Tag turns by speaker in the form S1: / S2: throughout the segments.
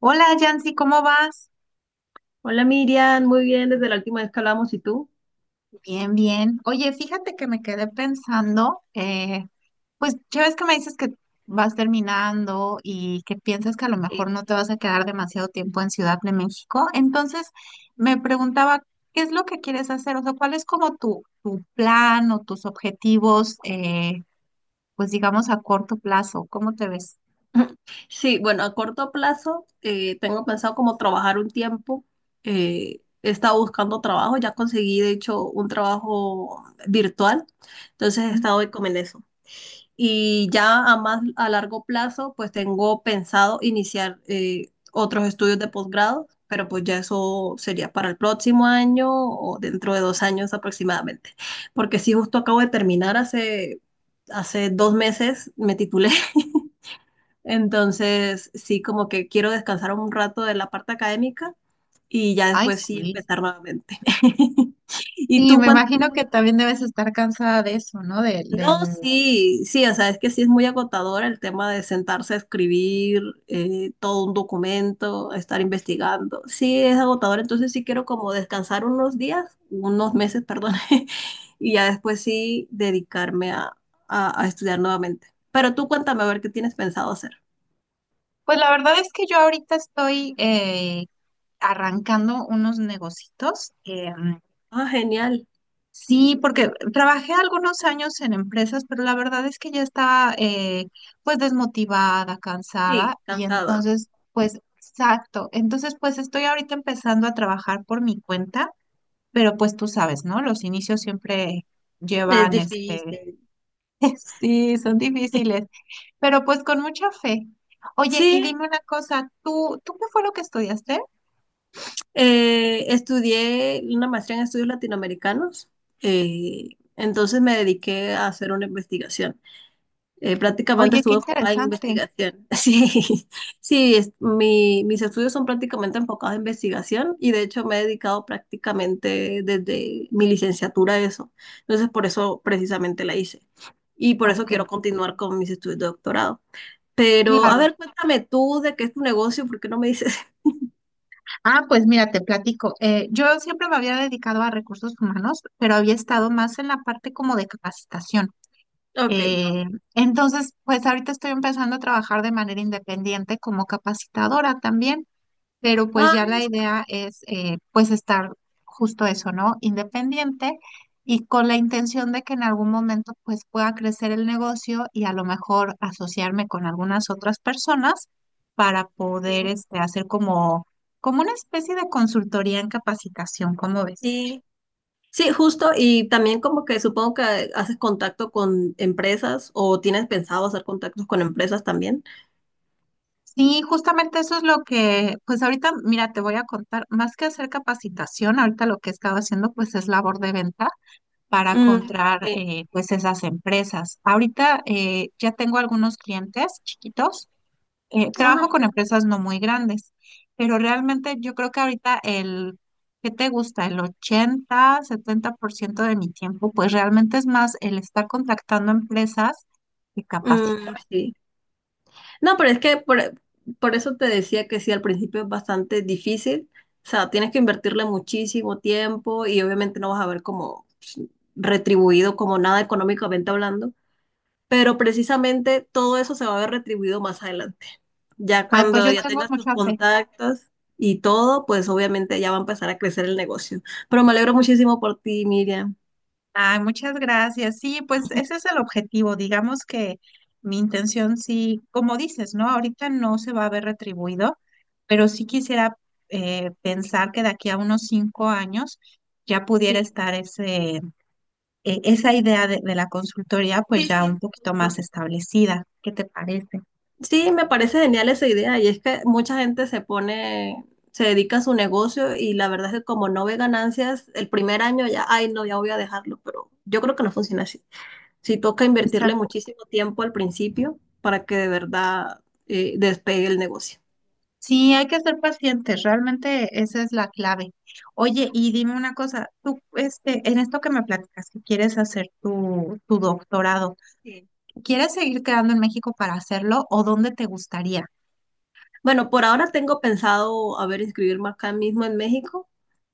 S1: Hola, Yancy, ¿cómo vas?
S2: Hola Miriam, muy bien, desde la última vez que hablamos, ¿y tú?
S1: Bien, bien. Oye, fíjate que me quedé pensando, pues ya ves que me dices que vas terminando y que piensas que a lo
S2: Eh,
S1: mejor no te vas a quedar demasiado tiempo en Ciudad de México. Entonces, me preguntaba, ¿qué es lo que quieres hacer? O sea, ¿cuál es como tu plan o tus objetivos, pues digamos a corto plazo? ¿Cómo te ves?
S2: sí, bueno, a corto plazo tengo pensado como trabajar un tiempo. He estado buscando trabajo, ya conseguí de hecho un trabajo virtual, entonces he
S1: Mm.
S2: estado hoy como en eso. Y ya a más a largo plazo, pues tengo pensado iniciar otros estudios de posgrado, pero pues ya eso sería para el próximo año o dentro de 2 años aproximadamente. Porque sí, justo acabo de terminar hace 2 meses, me titulé. Entonces, sí, como que quiero descansar un rato de la parte académica y ya
S1: Ay,
S2: después sí
S1: sí.
S2: empezar nuevamente. ¿Y
S1: Sí,
S2: tú?
S1: me imagino que también debes estar cansada de eso, ¿no? Del.
S2: No, sí, sí, o sea, es que sí es muy agotador el tema de sentarse a escribir todo un documento, estar investigando. Sí, es agotador, entonces sí quiero como descansar unos días, unos meses, perdón, y ya después sí dedicarme a estudiar nuevamente. Pero tú cuéntame a ver qué tienes pensado hacer.
S1: Pues la verdad es que yo ahorita estoy arrancando unos negocitos.
S2: Ah, genial.
S1: Sí, porque trabajé algunos años en empresas, pero la verdad es que ya estaba pues desmotivada, cansada
S2: Sí,
S1: y
S2: cansada.
S1: entonces pues exacto. Entonces pues estoy ahorita empezando a trabajar por mi cuenta, pero pues tú sabes, ¿no? Los inicios siempre
S2: Es
S1: llevan este.
S2: difícil.
S1: Sí, son difíciles, pero pues con mucha fe. Oye, y
S2: Sí.
S1: dime una cosa, ¿tú qué fue lo que estudiaste?
S2: Estudié una maestría en estudios latinoamericanos, eh, entonces me dediqué a hacer una investigación. Prácticamente
S1: Oye, qué
S2: estuve enfocada en
S1: interesante.
S2: investigación. Sí, sí, mis estudios son prácticamente enfocados en investigación y de hecho me he dedicado prácticamente desde mi licenciatura a eso. Entonces por eso precisamente la hice y por eso
S1: Ok,
S2: quiero continuar con mis estudios de doctorado. Pero a
S1: claro.
S2: ver, cuéntame tú de qué es tu negocio, ¿por qué no me dices?
S1: Ah, pues mira, te platico. Yo siempre me había dedicado a recursos humanos, pero había estado más en la parte como de capacitación.
S2: Ok.
S1: Eh, entonces, pues ahorita estoy empezando a trabajar de manera independiente como capacitadora también, pero pues
S2: Ah,
S1: ya la idea es pues estar justo eso, ¿no? Independiente y con la intención de que en algún momento pues pueda crecer el negocio y a lo mejor asociarme con algunas otras personas para poder
S2: sí.
S1: este, hacer como, como una especie de consultoría en capacitación, ¿cómo ves?
S2: Sí. Sí, justo, y también como que supongo que haces contacto con empresas o tienes pensado hacer contactos con empresas también.
S1: Sí, justamente eso es lo que, pues ahorita, mira, te voy a contar, más que hacer capacitación, ahorita lo que he estado haciendo pues es labor de ventas para
S2: Mm,
S1: comprar
S2: sí.
S1: pues esas empresas. Ahorita ya tengo algunos clientes chiquitos. Trabajo
S2: Ajá, qué
S1: con
S2: bueno.
S1: empresas no muy grandes, pero realmente yo creo que ahorita el, ¿qué te gusta? El 80-70% de mi tiempo, pues realmente es más el estar contactando empresas que capacitar.
S2: Mm, sí. No, pero es que por eso te decía que sí, al principio es bastante difícil. O sea, tienes que invertirle muchísimo tiempo y obviamente no vas a ver como pues, retribuido como nada económicamente hablando. Pero precisamente todo eso se va a ver retribuido más adelante. Ya
S1: Ay, pues
S2: cuando
S1: yo
S2: ya
S1: tengo
S2: tengas tus
S1: mucha fe.
S2: contactos y todo, pues obviamente ya va a empezar a crecer el negocio. Pero me alegro muchísimo por ti, Miriam.
S1: Ay, muchas gracias. Sí, pues ese es el objetivo. Digamos que mi intención, sí, como dices, ¿no? Ahorita no se va a ver retribuido, pero sí quisiera pensar que de aquí a unos 5 años ya pudiera
S2: Sí,
S1: estar ese, esa idea de la consultoría, pues
S2: sí,
S1: ya un
S2: sí,
S1: poquito
S2: justo.
S1: más establecida. ¿Qué te parece?
S2: Sí, me parece genial esa idea y es que mucha gente se pone, se dedica a su negocio y la verdad es que como no ve ganancias, el primer año ya, ay, no, ya voy a dejarlo, pero yo creo que no funciona así. Sí toca invertirle
S1: Exacto.
S2: muchísimo tiempo al principio para que de verdad despegue el negocio.
S1: Sí, hay que ser pacientes, realmente esa es la clave. Oye, y dime una cosa, tú, este, en esto que me platicas, que quieres hacer tu doctorado,
S2: Sí.
S1: ¿quieres seguir quedando en México para hacerlo o dónde te gustaría?
S2: Bueno, por ahora tengo pensado, a ver, inscribirme acá mismo en México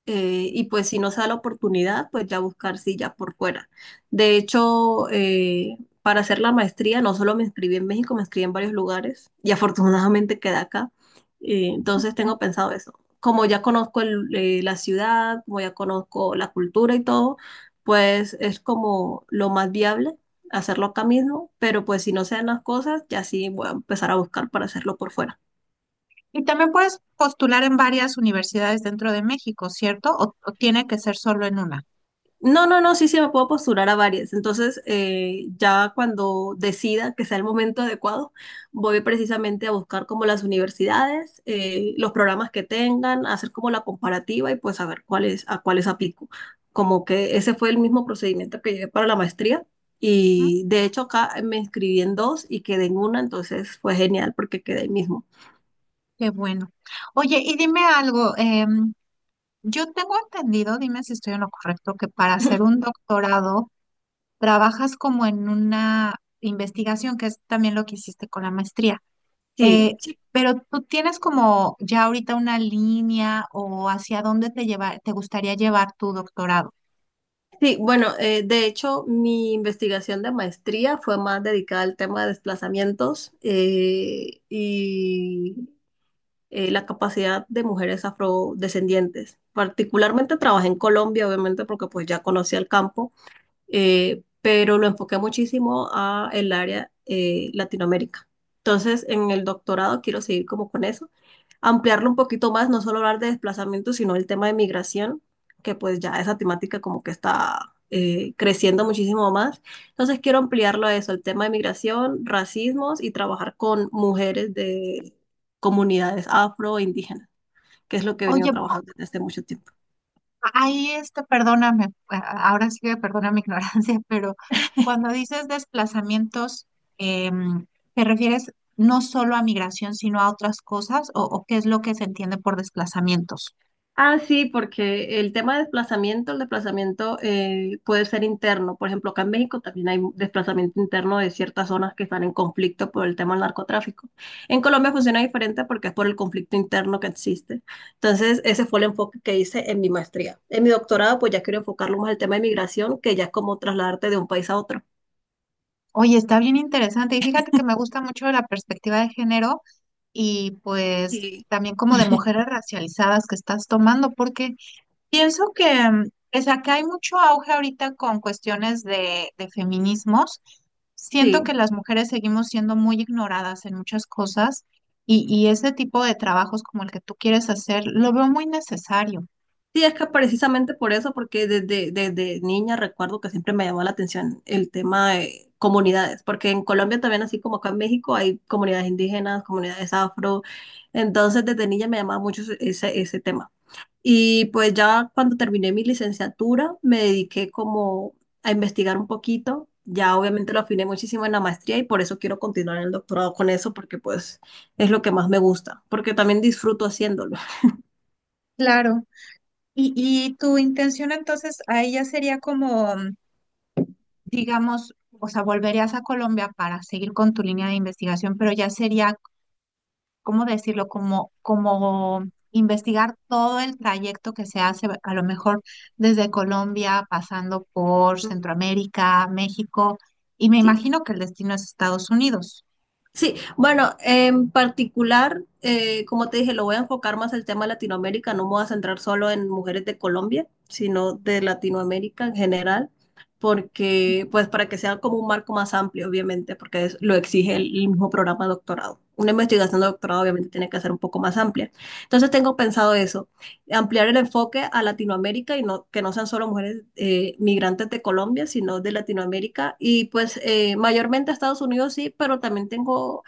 S2: y pues si no se da la oportunidad, pues ya buscar silla por fuera. De hecho, para hacer la maestría no solo me inscribí en México, me inscribí en varios lugares y afortunadamente quedé acá. Entonces tengo pensado eso. Como ya conozco la ciudad, como ya conozco la cultura y todo, pues es como lo más viable hacerlo acá mismo, pero pues si no se dan las cosas, ya sí voy a empezar a buscar para hacerlo por fuera.
S1: Y también puedes postular en varias universidades dentro de México, ¿cierto? O tiene que ser solo en una.
S2: No, no, no, sí, sí, me puedo postular a varias. Entonces, ya cuando decida que sea el momento adecuado, voy precisamente a buscar como las universidades, los programas que tengan, hacer como la comparativa y pues saber cuáles, a cuáles aplico. Como que ese fue el mismo procedimiento que llevé para la maestría.
S1: ¿Mm?
S2: Y de hecho acá me inscribí en dos y quedé en una, entonces fue genial porque quedé ahí mismo.
S1: Qué bueno. Oye, y dime algo, yo tengo entendido, dime si estoy en lo correcto, que para hacer un doctorado trabajas como en una investigación, que es también lo que hiciste con la maestría.
S2: Sí,
S1: Eh,
S2: sí.
S1: pero tú tienes como ya ahorita una línea o hacia dónde te llevar, te gustaría llevar tu doctorado.
S2: Sí, bueno, de hecho, mi investigación de maestría fue más dedicada al tema de desplazamientos la capacidad de mujeres afrodescendientes. Particularmente trabajé en Colombia, obviamente, porque pues ya conocía el campo pero lo enfoqué muchísimo a el área Latinoamérica. Entonces, en el doctorado quiero seguir como con eso, ampliarlo un poquito más, no solo hablar de desplazamiento, sino el tema de migración, que pues ya esa temática como que está creciendo muchísimo más. Entonces, quiero ampliarlo a eso, el tema de migración, racismos y trabajar con mujeres de comunidades afro e indígenas, que es lo que he venido
S1: Oye,
S2: trabajando desde hace mucho tiempo.
S1: ahí este, perdóname, ahora sí que perdona mi ignorancia, pero cuando dices desplazamientos, em, ¿te refieres no solo a migración, sino a otras cosas? O qué es lo que se entiende por desplazamientos?
S2: Ah, sí, porque el tema de desplazamiento, el desplazamiento puede ser interno. Por ejemplo, acá en México también hay desplazamiento interno de ciertas zonas que están en conflicto por el tema del narcotráfico. En Colombia funciona diferente porque es por el conflicto interno que existe. Entonces, ese fue el enfoque que hice en mi maestría. En mi doctorado, pues ya quiero enfocarlo más al tema de migración, que ya es como trasladarte de un país a otro.
S1: Oye, está bien interesante y fíjate que me gusta mucho la perspectiva de género y pues
S2: Sí.
S1: también como de mujeres racializadas que estás tomando, porque pienso que, mm, pues acá hay mucho auge ahorita con cuestiones de feminismos. Siento que
S2: Sí.
S1: las mujeres seguimos siendo muy ignoradas en muchas cosas y ese tipo de trabajos como el que tú quieres hacer, lo veo muy necesario.
S2: Sí, es que precisamente por eso, porque desde niña recuerdo que siempre me llamó la atención el tema de comunidades, porque en Colombia también, así como acá en México, hay comunidades indígenas, comunidades afro, entonces desde niña me llamaba mucho ese tema. Y pues ya cuando terminé mi licenciatura, me dediqué como a investigar un poquito, ya obviamente lo afiné muchísimo en la maestría y por eso quiero continuar en el doctorado con eso, porque pues es lo que más me gusta, porque también disfruto haciéndolo.
S1: Claro. Y tu intención entonces ahí ya sería como, mm, digamos, o sea, volverías a Colombia para seguir con tu línea de investigación, pero ya sería ¿cómo decirlo? Como, como investigar todo el trayecto que se hace, a lo mejor desde Colombia, pasando por
S2: Mm.
S1: Centroamérica, México, y me
S2: Sí.
S1: imagino que el destino es Estados Unidos.
S2: Sí, bueno, en particular, como te dije, lo voy a enfocar más al tema de Latinoamérica, no me voy a centrar solo en mujeres de Colombia, sino de Latinoamérica en general, porque, pues, para que sea como un marco más amplio, obviamente, porque lo exige el mismo programa de doctorado. Una investigación de doctorado, obviamente, tiene que ser un poco más amplia. Entonces, tengo pensado eso, ampliar el enfoque a Latinoamérica y no, que no sean solo mujeres migrantes de Colombia, sino de Latinoamérica. Y pues mayormente a Estados Unidos sí, pero también tengo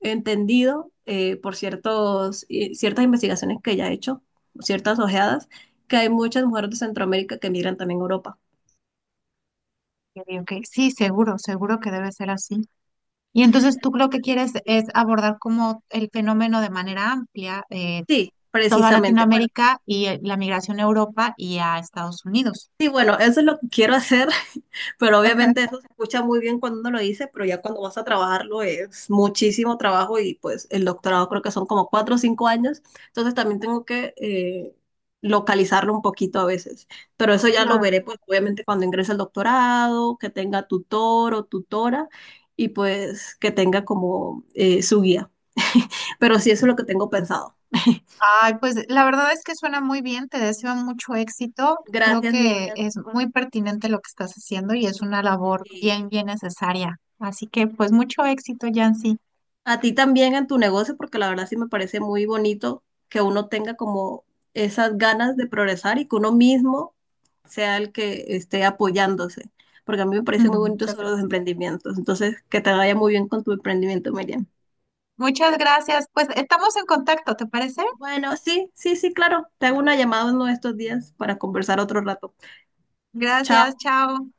S2: entendido por ciertas investigaciones que ya he hecho, ciertas ojeadas, que hay muchas mujeres de Centroamérica que migran también a Europa.
S1: Yo digo que sí, seguro, seguro que debe ser así. Y entonces tú lo que quieres es abordar como el fenómeno de manera amplia,
S2: Sí,
S1: toda
S2: precisamente. Bueno,
S1: Latinoamérica y la migración a Europa y a Estados Unidos.
S2: sí, bueno, eso es lo que quiero hacer. Pero
S1: Ajá.
S2: obviamente eso se escucha muy bien cuando uno lo dice, pero ya cuando vas a trabajarlo es muchísimo trabajo y pues el doctorado creo que son como 4 o 5 años, entonces también tengo que localizarlo un poquito a veces, pero eso ya lo
S1: Claro.
S2: veré pues obviamente cuando ingrese al doctorado, que tenga tutor o tutora y pues que tenga como su guía, pero sí eso es lo que tengo pensado.
S1: Ay, pues la verdad es que suena muy bien, te deseo mucho éxito. Creo
S2: Gracias
S1: que
S2: Miriam.
S1: es muy pertinente lo que estás haciendo y es una labor
S2: Y
S1: bien, bien necesaria. Así que pues mucho éxito, Yancy.
S2: a ti también en tu negocio, porque la verdad sí me parece muy bonito que uno tenga como esas ganas de progresar y que uno mismo sea el que esté apoyándose, porque a mí me parece muy bonito
S1: Muchas
S2: sobre los
S1: gracias.
S2: emprendimientos. Entonces, que te vaya muy bien con tu emprendimiento, Miriam.
S1: Muchas gracias. Pues estamos en contacto, ¿te parece?
S2: Bueno, sí, sí, sí, claro. Te hago una llamada uno de estos días para conversar otro rato. Chao.
S1: Gracias, chao.